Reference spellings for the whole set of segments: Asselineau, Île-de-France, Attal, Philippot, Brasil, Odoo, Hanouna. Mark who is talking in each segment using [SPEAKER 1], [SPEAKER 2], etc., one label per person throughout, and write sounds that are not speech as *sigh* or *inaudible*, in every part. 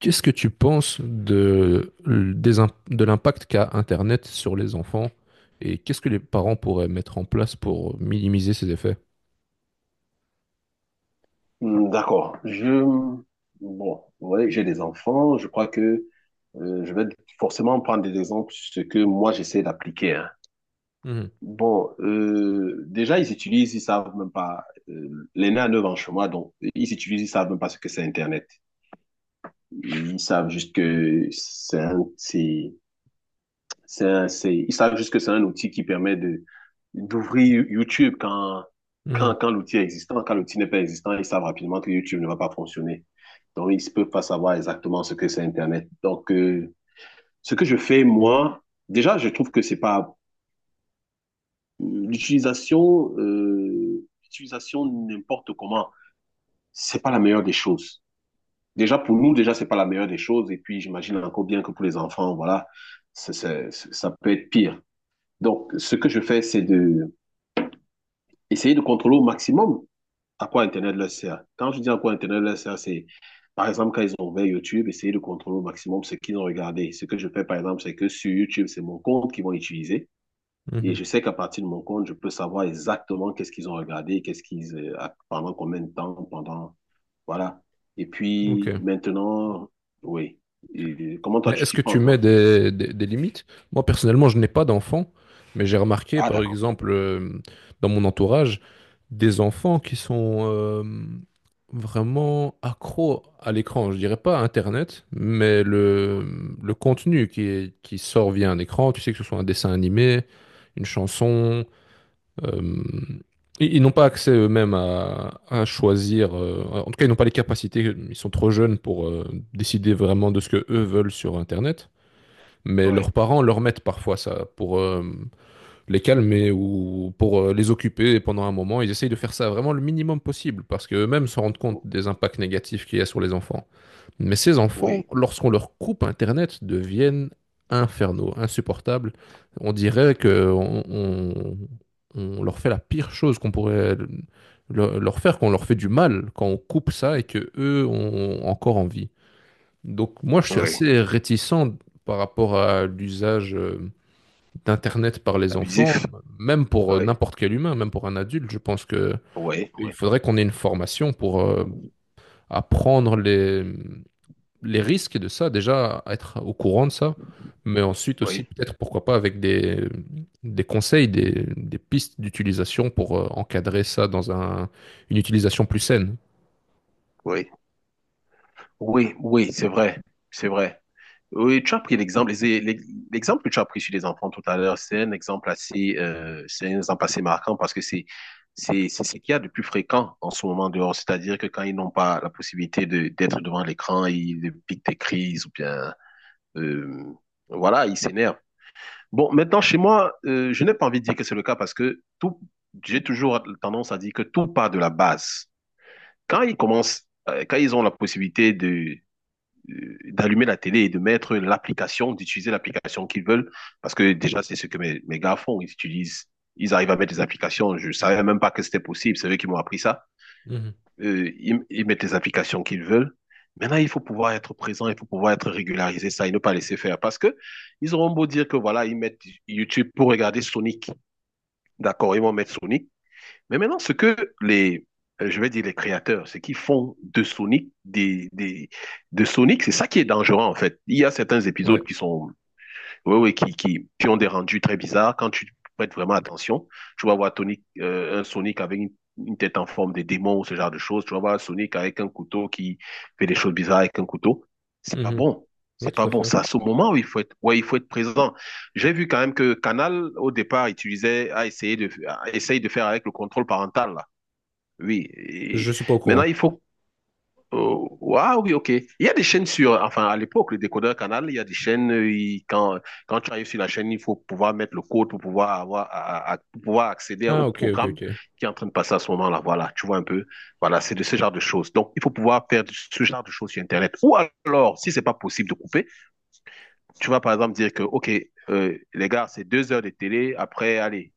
[SPEAKER 1] Qu'est-ce que tu penses de l'impact qu'a Internet sur les enfants et qu'est-ce que les parents pourraient mettre en place pour minimiser ces effets?
[SPEAKER 2] Hmm, d'accord. Bon, ouais, j'ai des enfants. Je crois que je vais forcément prendre des exemples sur ce que moi j'essaie d'appliquer, hein. Bon, déjà ils utilisent, ils savent même pas. L'aîné a 9 ans chez moi, donc ils utilisent, ils savent même pas ce que c'est Internet. Ils savent juste que ils savent juste que c'est un outil qui permet d'ouvrir YouTube, quand,
[SPEAKER 1] Mhm,
[SPEAKER 2] quand, quand l'outil est existant. Quand l'outil n'est pas existant, ils savent rapidement que YouTube ne va pas fonctionner. Donc, ils ne peuvent pas savoir exactement ce que c'est Internet. Donc, ce que je fais, moi, déjà, je trouve que c'est pas l'utilisation n'importe comment, c'est pas la meilleure des choses. Déjà, pour nous, déjà, c'est pas la meilleure des choses. Et puis, j'imagine encore bien que pour les enfants, voilà, ça peut être pire. Donc, ce que je fais, c'est de essayer de contrôler au maximum à quoi Internet leur sert. Quand je dis à quoi Internet leur sert, c'est, par exemple, quand ils ont ouvert YouTube, essayer de contrôler au maximum ce qu'ils ont regardé. Ce que je fais, par exemple, c'est que sur YouTube, c'est mon compte qu'ils vont utiliser.
[SPEAKER 1] mhm,
[SPEAKER 2] Et
[SPEAKER 1] mhm.
[SPEAKER 2] je sais qu'à partir de mon compte, je peux savoir exactement qu'est-ce qu'ils ont regardé, qu'est-ce qu'ils, pendant combien de temps, pendant, voilà. Et
[SPEAKER 1] Ok.
[SPEAKER 2] puis, maintenant, oui. Et comment
[SPEAKER 1] Mais
[SPEAKER 2] toi, tu
[SPEAKER 1] est-ce
[SPEAKER 2] t'y
[SPEAKER 1] que
[SPEAKER 2] prends,
[SPEAKER 1] tu mets
[SPEAKER 2] toi?
[SPEAKER 1] des limites? Moi, personnellement, je n'ai pas d'enfants, mais j'ai remarqué,
[SPEAKER 2] Ah,
[SPEAKER 1] par
[SPEAKER 2] d'accord. Ok.
[SPEAKER 1] exemple, dans mon entourage, des enfants qui sont vraiment accros à l'écran. Je dirais pas à Internet, mais le,
[SPEAKER 2] Ouais,
[SPEAKER 1] le contenu qui sort via un écran, tu sais, que ce soit un dessin animé, une chanson, euh, ils n'ont pas accès eux-mêmes à choisir. Euh, en tout cas, ils n'ont pas les capacités. Ils sont trop jeunes pour décider vraiment de ce que eux veulent sur Internet. Mais
[SPEAKER 2] ouais,
[SPEAKER 1] leurs parents leur mettent parfois ça pour les calmer ou pour les occuper et pendant un moment. Ils essayent de faire ça vraiment le minimum possible parce qu'eux-mêmes se rendent compte des impacts négatifs qu'il y a sur les enfants. Mais ces enfants,
[SPEAKER 2] oui,
[SPEAKER 1] lorsqu'on leur coupe Internet, deviennent infernaux, insupportables. On dirait que on leur fait la pire chose qu'on pourrait leur faire, qu'on leur fait du mal quand on coupe ça et que eux ont encore envie. Donc moi, je suis
[SPEAKER 2] ouais.
[SPEAKER 1] assez réticent par rapport à l'usage d'Internet par les enfants,
[SPEAKER 2] Abusif.
[SPEAKER 1] même pour
[SPEAKER 2] Ouais.
[SPEAKER 1] n'importe quel humain, même pour un adulte. Je pense que
[SPEAKER 2] Oui,
[SPEAKER 1] il
[SPEAKER 2] oui,
[SPEAKER 1] faudrait qu'on ait une formation pour apprendre les risques de ça, déjà être au courant de ça, mais ensuite aussi
[SPEAKER 2] oui,
[SPEAKER 1] peut-être pourquoi pas avec des conseils, des pistes d'utilisation pour encadrer ça dans une utilisation plus saine.
[SPEAKER 2] oui, oui, oui, c'est vrai, c'est vrai. Oui, tu as pris l'exemple, l'exemple que tu as pris sur les enfants tout à l'heure, c'est un exemple assez, c'est un exemple assez marquant parce que c'est ce qu'il y a de plus fréquent en ce moment dehors. C'est-à-dire que quand ils n'ont pas la possibilité d'être devant l'écran, ils piquent des crises ou bien, euh, voilà, ils s'énervent. Bon, maintenant, chez moi, je n'ai pas envie de dire que c'est le cas parce que tout, j'ai toujours tendance à dire que tout part de la base. Quand ils ont la possibilité de d'allumer la télé et de mettre l'application, d'utiliser l'application qu'ils veulent, parce que déjà, c'est ce que mes gars font, ils utilisent, ils arrivent à mettre des applications, je savais même pas que c'était possible, c'est eux qui m'ont appris ça.
[SPEAKER 1] Mhm.
[SPEAKER 2] Ils mettent les applications qu'ils veulent. Maintenant, il faut pouvoir être présent, il faut pouvoir être régularisé, ça, et ne pas laisser faire, parce que ils auront beau dire que voilà, ils mettent YouTube pour regarder Sonic. D'accord, ils vont mettre Sonic, mais maintenant, ce que les, je vais dire les créateurs, ce qu'ils font de Sonic, de Sonic, c'est ça qui est dangereux en fait. Il y a certains
[SPEAKER 1] Ouais.
[SPEAKER 2] épisodes qui sont, oui, oui, qui ont des rendus très bizarres. Quand tu prêtes vraiment attention, tu vas voir Tony, un Sonic avec une tête en forme de démon ou ce genre de choses. Tu vas voir un Sonic avec un couteau qui fait des choses bizarres avec un couteau. C'est pas
[SPEAKER 1] Mhm.
[SPEAKER 2] bon.
[SPEAKER 1] Oui,
[SPEAKER 2] C'est
[SPEAKER 1] tout
[SPEAKER 2] pas
[SPEAKER 1] à
[SPEAKER 2] bon.
[SPEAKER 1] fait.
[SPEAKER 2] C'est à ce moment où il faut être, ouais, il faut être présent. J'ai vu quand même que Canal, au départ, utilisait, a essayé de faire avec le contrôle parental, là. Oui.
[SPEAKER 1] Je
[SPEAKER 2] Et
[SPEAKER 1] suis pas au
[SPEAKER 2] maintenant,
[SPEAKER 1] courant.
[SPEAKER 2] il faut. Oh ouais, oui, ok. Il y a des chaînes sur, enfin, à l'époque, le décodeur Canal, il y a des chaînes, quand tu arrives sur la chaîne, il faut pouvoir mettre le code pour pouvoir avoir, pour pouvoir accéder au
[SPEAKER 1] Ah, ok, ok,
[SPEAKER 2] programme
[SPEAKER 1] ok.
[SPEAKER 2] qui est en train de passer à ce moment-là. Voilà, tu vois un peu. Voilà, c'est de ce genre de choses. Donc, il faut pouvoir faire ce genre de choses sur Internet. Ou alors, si c'est pas possible de couper, tu vas par exemple dire que, ok, les gars, c'est 2 heures de télé, après, allez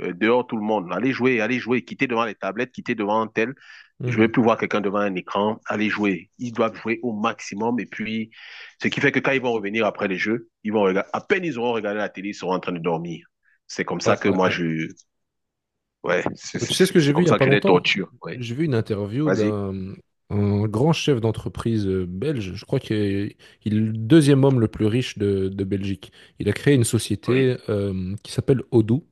[SPEAKER 2] dehors tout le monde. Allez jouer, quittez devant les tablettes, quittez devant un tel. Je ne vais
[SPEAKER 1] Mhm.
[SPEAKER 2] plus voir quelqu'un devant un écran. Aller jouer. Ils doivent jouer au maximum. Et puis, ce qui fait que quand ils vont revenir après les jeux, ils vont regarder, à peine ils auront regardé la télé, ils seront en train de dormir. C'est comme ça
[SPEAKER 1] Ouais,
[SPEAKER 2] que
[SPEAKER 1] ouais, ouais.
[SPEAKER 2] ouais,
[SPEAKER 1] Bah, tu sais ce que j'ai
[SPEAKER 2] c'est
[SPEAKER 1] vu il
[SPEAKER 2] comme
[SPEAKER 1] y a
[SPEAKER 2] ça que
[SPEAKER 1] pas
[SPEAKER 2] je les
[SPEAKER 1] longtemps?
[SPEAKER 2] torture, ouais.
[SPEAKER 1] J'ai vu une interview
[SPEAKER 2] Vas-y.
[SPEAKER 1] d'un un grand chef d'entreprise belge. Je crois qu'il est, il est le deuxième homme le plus riche de Belgique. Il a créé une
[SPEAKER 2] Oui.
[SPEAKER 1] société qui s'appelle Odoo.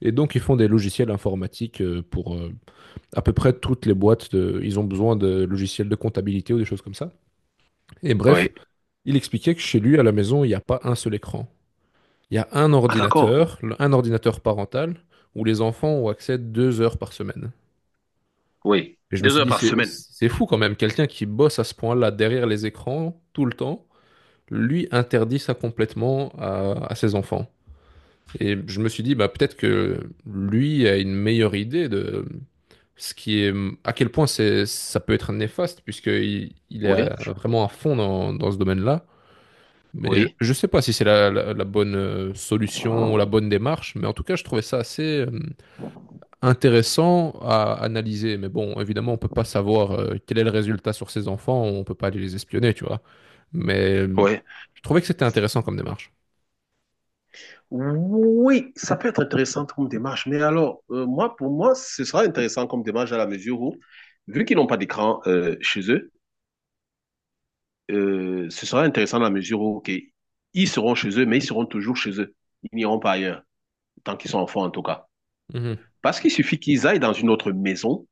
[SPEAKER 1] Et donc, ils font des logiciels informatiques pour à peu près toutes les boîtes. Ils ont besoin de logiciels de comptabilité ou des choses comme ça. Et bref,
[SPEAKER 2] Oui.
[SPEAKER 1] il expliquait que chez lui, à la maison, il n'y a pas un seul écran. Il y a un
[SPEAKER 2] Ah, d'accord.
[SPEAKER 1] ordinateur, un ordinateur parental, où les enfants ont accès 2 heures par semaine.
[SPEAKER 2] Oui.
[SPEAKER 1] Et je me
[SPEAKER 2] Deux
[SPEAKER 1] suis
[SPEAKER 2] heures
[SPEAKER 1] dit,
[SPEAKER 2] par
[SPEAKER 1] c'est
[SPEAKER 2] semaine.
[SPEAKER 1] c'est fou quand même, quelqu'un qui bosse à ce point-là derrière les écrans tout le temps, lui interdit ça complètement à ses enfants. Et je me suis dit, bah, peut-être que lui a une meilleure idée de ce qui est, à quel point c'est, ça peut être néfaste, puisqu'il est
[SPEAKER 2] Oui.
[SPEAKER 1] vraiment à fond dans, dans ce domaine-là. Mais
[SPEAKER 2] Oui.
[SPEAKER 1] je sais pas si c'est la bonne solution ou la bonne démarche, mais en tout cas, je trouvais ça assez, euh, intéressant à analyser. Mais bon, évidemment, on peut pas savoir quel est le résultat sur ces enfants, on peut pas aller les espionner, tu vois. Mais
[SPEAKER 2] Oui.
[SPEAKER 1] je trouvais que c'était intéressant comme démarche.
[SPEAKER 2] Oui, ça peut être intéressant comme démarche, mais alors, moi, pour moi, ce sera intéressant comme démarche à la mesure où, vu qu'ils n'ont pas d'écran chez eux, ce sera intéressant à la mesure où, OK, ils seront chez eux, mais ils seront toujours chez eux. Ils n'iront pas ailleurs, tant qu'ils sont enfants en tout cas.
[SPEAKER 1] Mhm.
[SPEAKER 2] Parce qu'il suffit qu'ils aillent dans une autre maison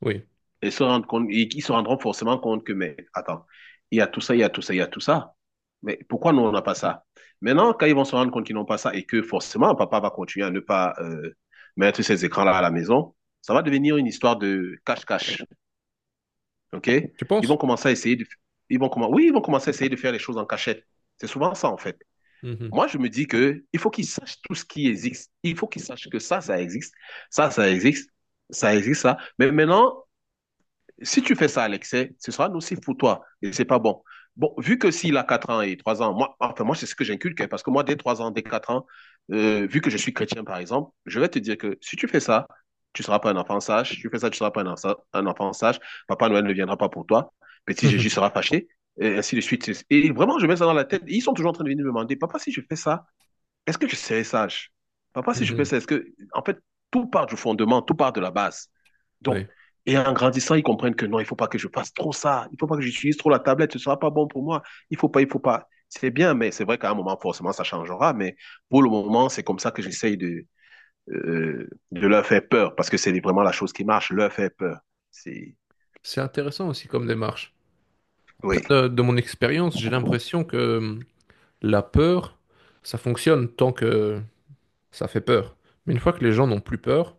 [SPEAKER 1] Oui.
[SPEAKER 2] et se rendent compte, et ils se rendront forcément compte que, mais attends, il y a tout ça, il y a tout ça, il y a tout ça. Mais pourquoi nous, on n'a pas ça? Maintenant, quand ils vont se rendre compte qu'ils n'ont pas ça et que forcément, papa va continuer à ne pas mettre ces écrans-là à la maison, ça va devenir une histoire de cache-cache. OK?
[SPEAKER 1] Tu
[SPEAKER 2] Ils vont
[SPEAKER 1] penses?
[SPEAKER 2] commencer à essayer de. Oui, ils vont commencer à essayer de faire les choses en cachette. C'est souvent ça, en fait.
[SPEAKER 1] Mhm.
[SPEAKER 2] Moi, je me dis que il faut qu'ils sachent tout ce qui existe. Il faut qu'ils sachent que ça existe. Ça existe. Ça existe, ça. Mais maintenant, si tu fais ça à l'excès, ce sera nocif pour toi et c'est pas bon. Bon, vu que s'il a 4 ans et 3 ans, moi, enfin, moi, c'est ce que j'inculque, hein, parce que moi, dès 3 ans, dès 4 ans, vu que je suis chrétien, par exemple, je vais te dire que si tu fais ça, tu ne seras pas un enfant sage. Si tu fais ça, tu ne seras pas un enfant sage. Papa Noël ne viendra pas pour toi. Petit
[SPEAKER 1] Mhm.
[SPEAKER 2] Jésus sera fâché, et ainsi de suite. Et vraiment, je mets ça dans la tête. Et ils sont toujours en train de venir me demander, papa, si je fais ça, est-ce que je serais sage. Papa, si je fais
[SPEAKER 1] Mhm.
[SPEAKER 2] ça, est-ce que… En fait, tout part du fondement, tout part de la base.
[SPEAKER 1] Oui.
[SPEAKER 2] Donc, et en grandissant, ils comprennent que non, il ne faut pas que je fasse trop ça, il ne faut pas que j'utilise trop la tablette, ce ne sera pas bon pour moi, il ne faut pas, il ne faut pas. C'est bien, mais c'est vrai qu'à un moment, forcément, ça changera. Mais pour le moment, c'est comme ça que j'essaye de leur faire peur, parce que c'est vraiment la chose qui marche, leur faire peur. C'est…
[SPEAKER 1] C'est intéressant aussi comme démarche. Après,
[SPEAKER 2] Oui.
[SPEAKER 1] de mon expérience, j'ai l'impression que la peur, ça fonctionne tant que ça fait peur. Mais une fois que les gens n'ont plus peur,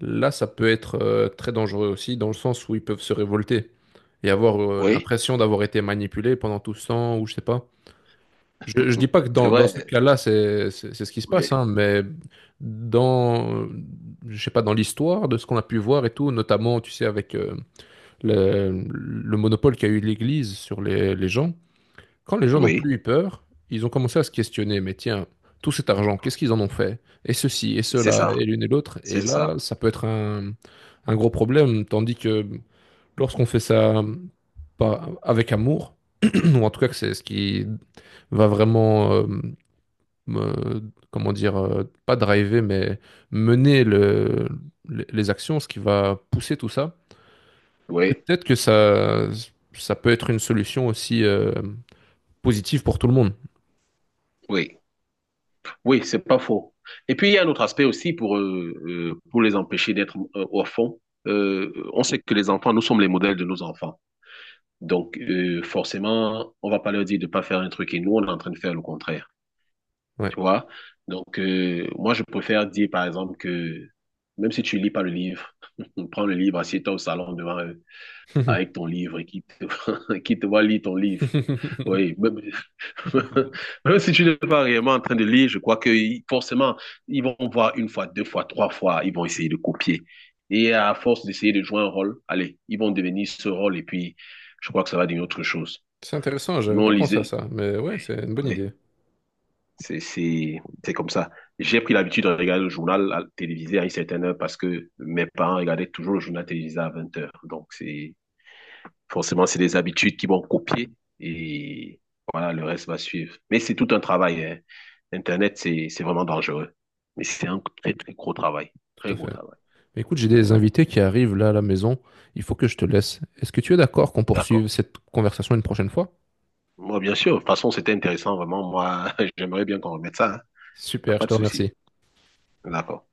[SPEAKER 1] là, ça peut être très dangereux aussi, dans le sens où ils peuvent se révolter et avoir
[SPEAKER 2] Oui,
[SPEAKER 1] l'impression d'avoir été manipulés pendant tout ce temps, ou je sais pas. Je dis pas que
[SPEAKER 2] *laughs* c'est
[SPEAKER 1] dans, dans ce
[SPEAKER 2] vrai.
[SPEAKER 1] cas-là, c'est ce qui se passe,
[SPEAKER 2] Oui.
[SPEAKER 1] hein, mais dans, je sais pas, dans l'histoire de ce qu'on a pu voir et tout, notamment, tu sais, avec le monopole qu'a eu l'Église sur les gens, quand les gens n'ont
[SPEAKER 2] Oui.
[SPEAKER 1] plus eu peur, ils ont commencé à se questionner, mais tiens, tout cet argent, qu'est-ce qu'ils en ont fait? Et ceci, et
[SPEAKER 2] C'est
[SPEAKER 1] cela,
[SPEAKER 2] ça,
[SPEAKER 1] et l'une et l'autre. Et
[SPEAKER 2] c'est
[SPEAKER 1] là,
[SPEAKER 2] ça.
[SPEAKER 1] ça peut être un gros problème, tandis que lorsqu'on fait ça pas avec amour, *clears throat* ou en tout cas que c'est ce qui va vraiment, me- comment dire, pas driver, mais mener les actions, ce qui va pousser tout ça,
[SPEAKER 2] Oui,
[SPEAKER 1] peut-être que ça peut être une solution aussi, positive pour tout le monde.
[SPEAKER 2] oui, oui, c'est pas faux. Et puis, il y a un autre aspect aussi pour les empêcher d'être au on sait que les enfants, nous sommes les modèles de nos enfants. Donc, forcément, on va pas leur dire de pas faire un truc et nous, on est en train de faire le contraire.
[SPEAKER 1] Ouais.
[SPEAKER 2] Tu vois? Donc, moi, je préfère dire, par exemple, que même si tu lis pas le livre, *laughs* prends le livre, assieds-toi au salon devant eux avec
[SPEAKER 1] *laughs*
[SPEAKER 2] ton livre et *laughs* qui te voit lire ton livre. Oui,
[SPEAKER 1] *laughs*
[SPEAKER 2] *laughs* Même si tu n'es pas réellement en train de lire, je crois que forcément, ils vont voir une fois, deux fois, trois fois, ils vont essayer de copier. Et à force d'essayer de jouer un rôle, allez, ils vont devenir ce rôle et puis je crois que ça va devenir autre chose.
[SPEAKER 1] C'est intéressant, j'avais
[SPEAKER 2] Nous, on
[SPEAKER 1] pas pensé à
[SPEAKER 2] lisait.
[SPEAKER 1] ça, mais
[SPEAKER 2] Oui,
[SPEAKER 1] ouais, c'est une bonne
[SPEAKER 2] oui,
[SPEAKER 1] idée,
[SPEAKER 2] c'est, comme ça. J'ai pris l'habitude de regarder le journal télévisé à une certaine heure parce que mes parents regardaient toujours le journal télévisé à 20 heures. Donc, forcément, c'est des habitudes qui vont copier et voilà, le reste va suivre. Mais c'est tout un travail, hein. Internet, c'est vraiment dangereux. Mais c'est un très, très gros travail.
[SPEAKER 1] tout
[SPEAKER 2] Très
[SPEAKER 1] à
[SPEAKER 2] gros
[SPEAKER 1] fait.
[SPEAKER 2] travail.
[SPEAKER 1] Mais écoute, j'ai des
[SPEAKER 2] Donc,
[SPEAKER 1] invités qui arrivent là à la maison, il faut que je te laisse. Est-ce que tu es d'accord qu'on
[SPEAKER 2] d'accord.
[SPEAKER 1] poursuive cette conversation une prochaine fois?
[SPEAKER 2] Moi, bien sûr. De toute façon, c'était intéressant, vraiment. Moi, *laughs* j'aimerais bien qu'on remette ça, hein. T'as
[SPEAKER 1] Super,
[SPEAKER 2] pas
[SPEAKER 1] je
[SPEAKER 2] de
[SPEAKER 1] te
[SPEAKER 2] souci.
[SPEAKER 1] remercie.
[SPEAKER 2] D'accord.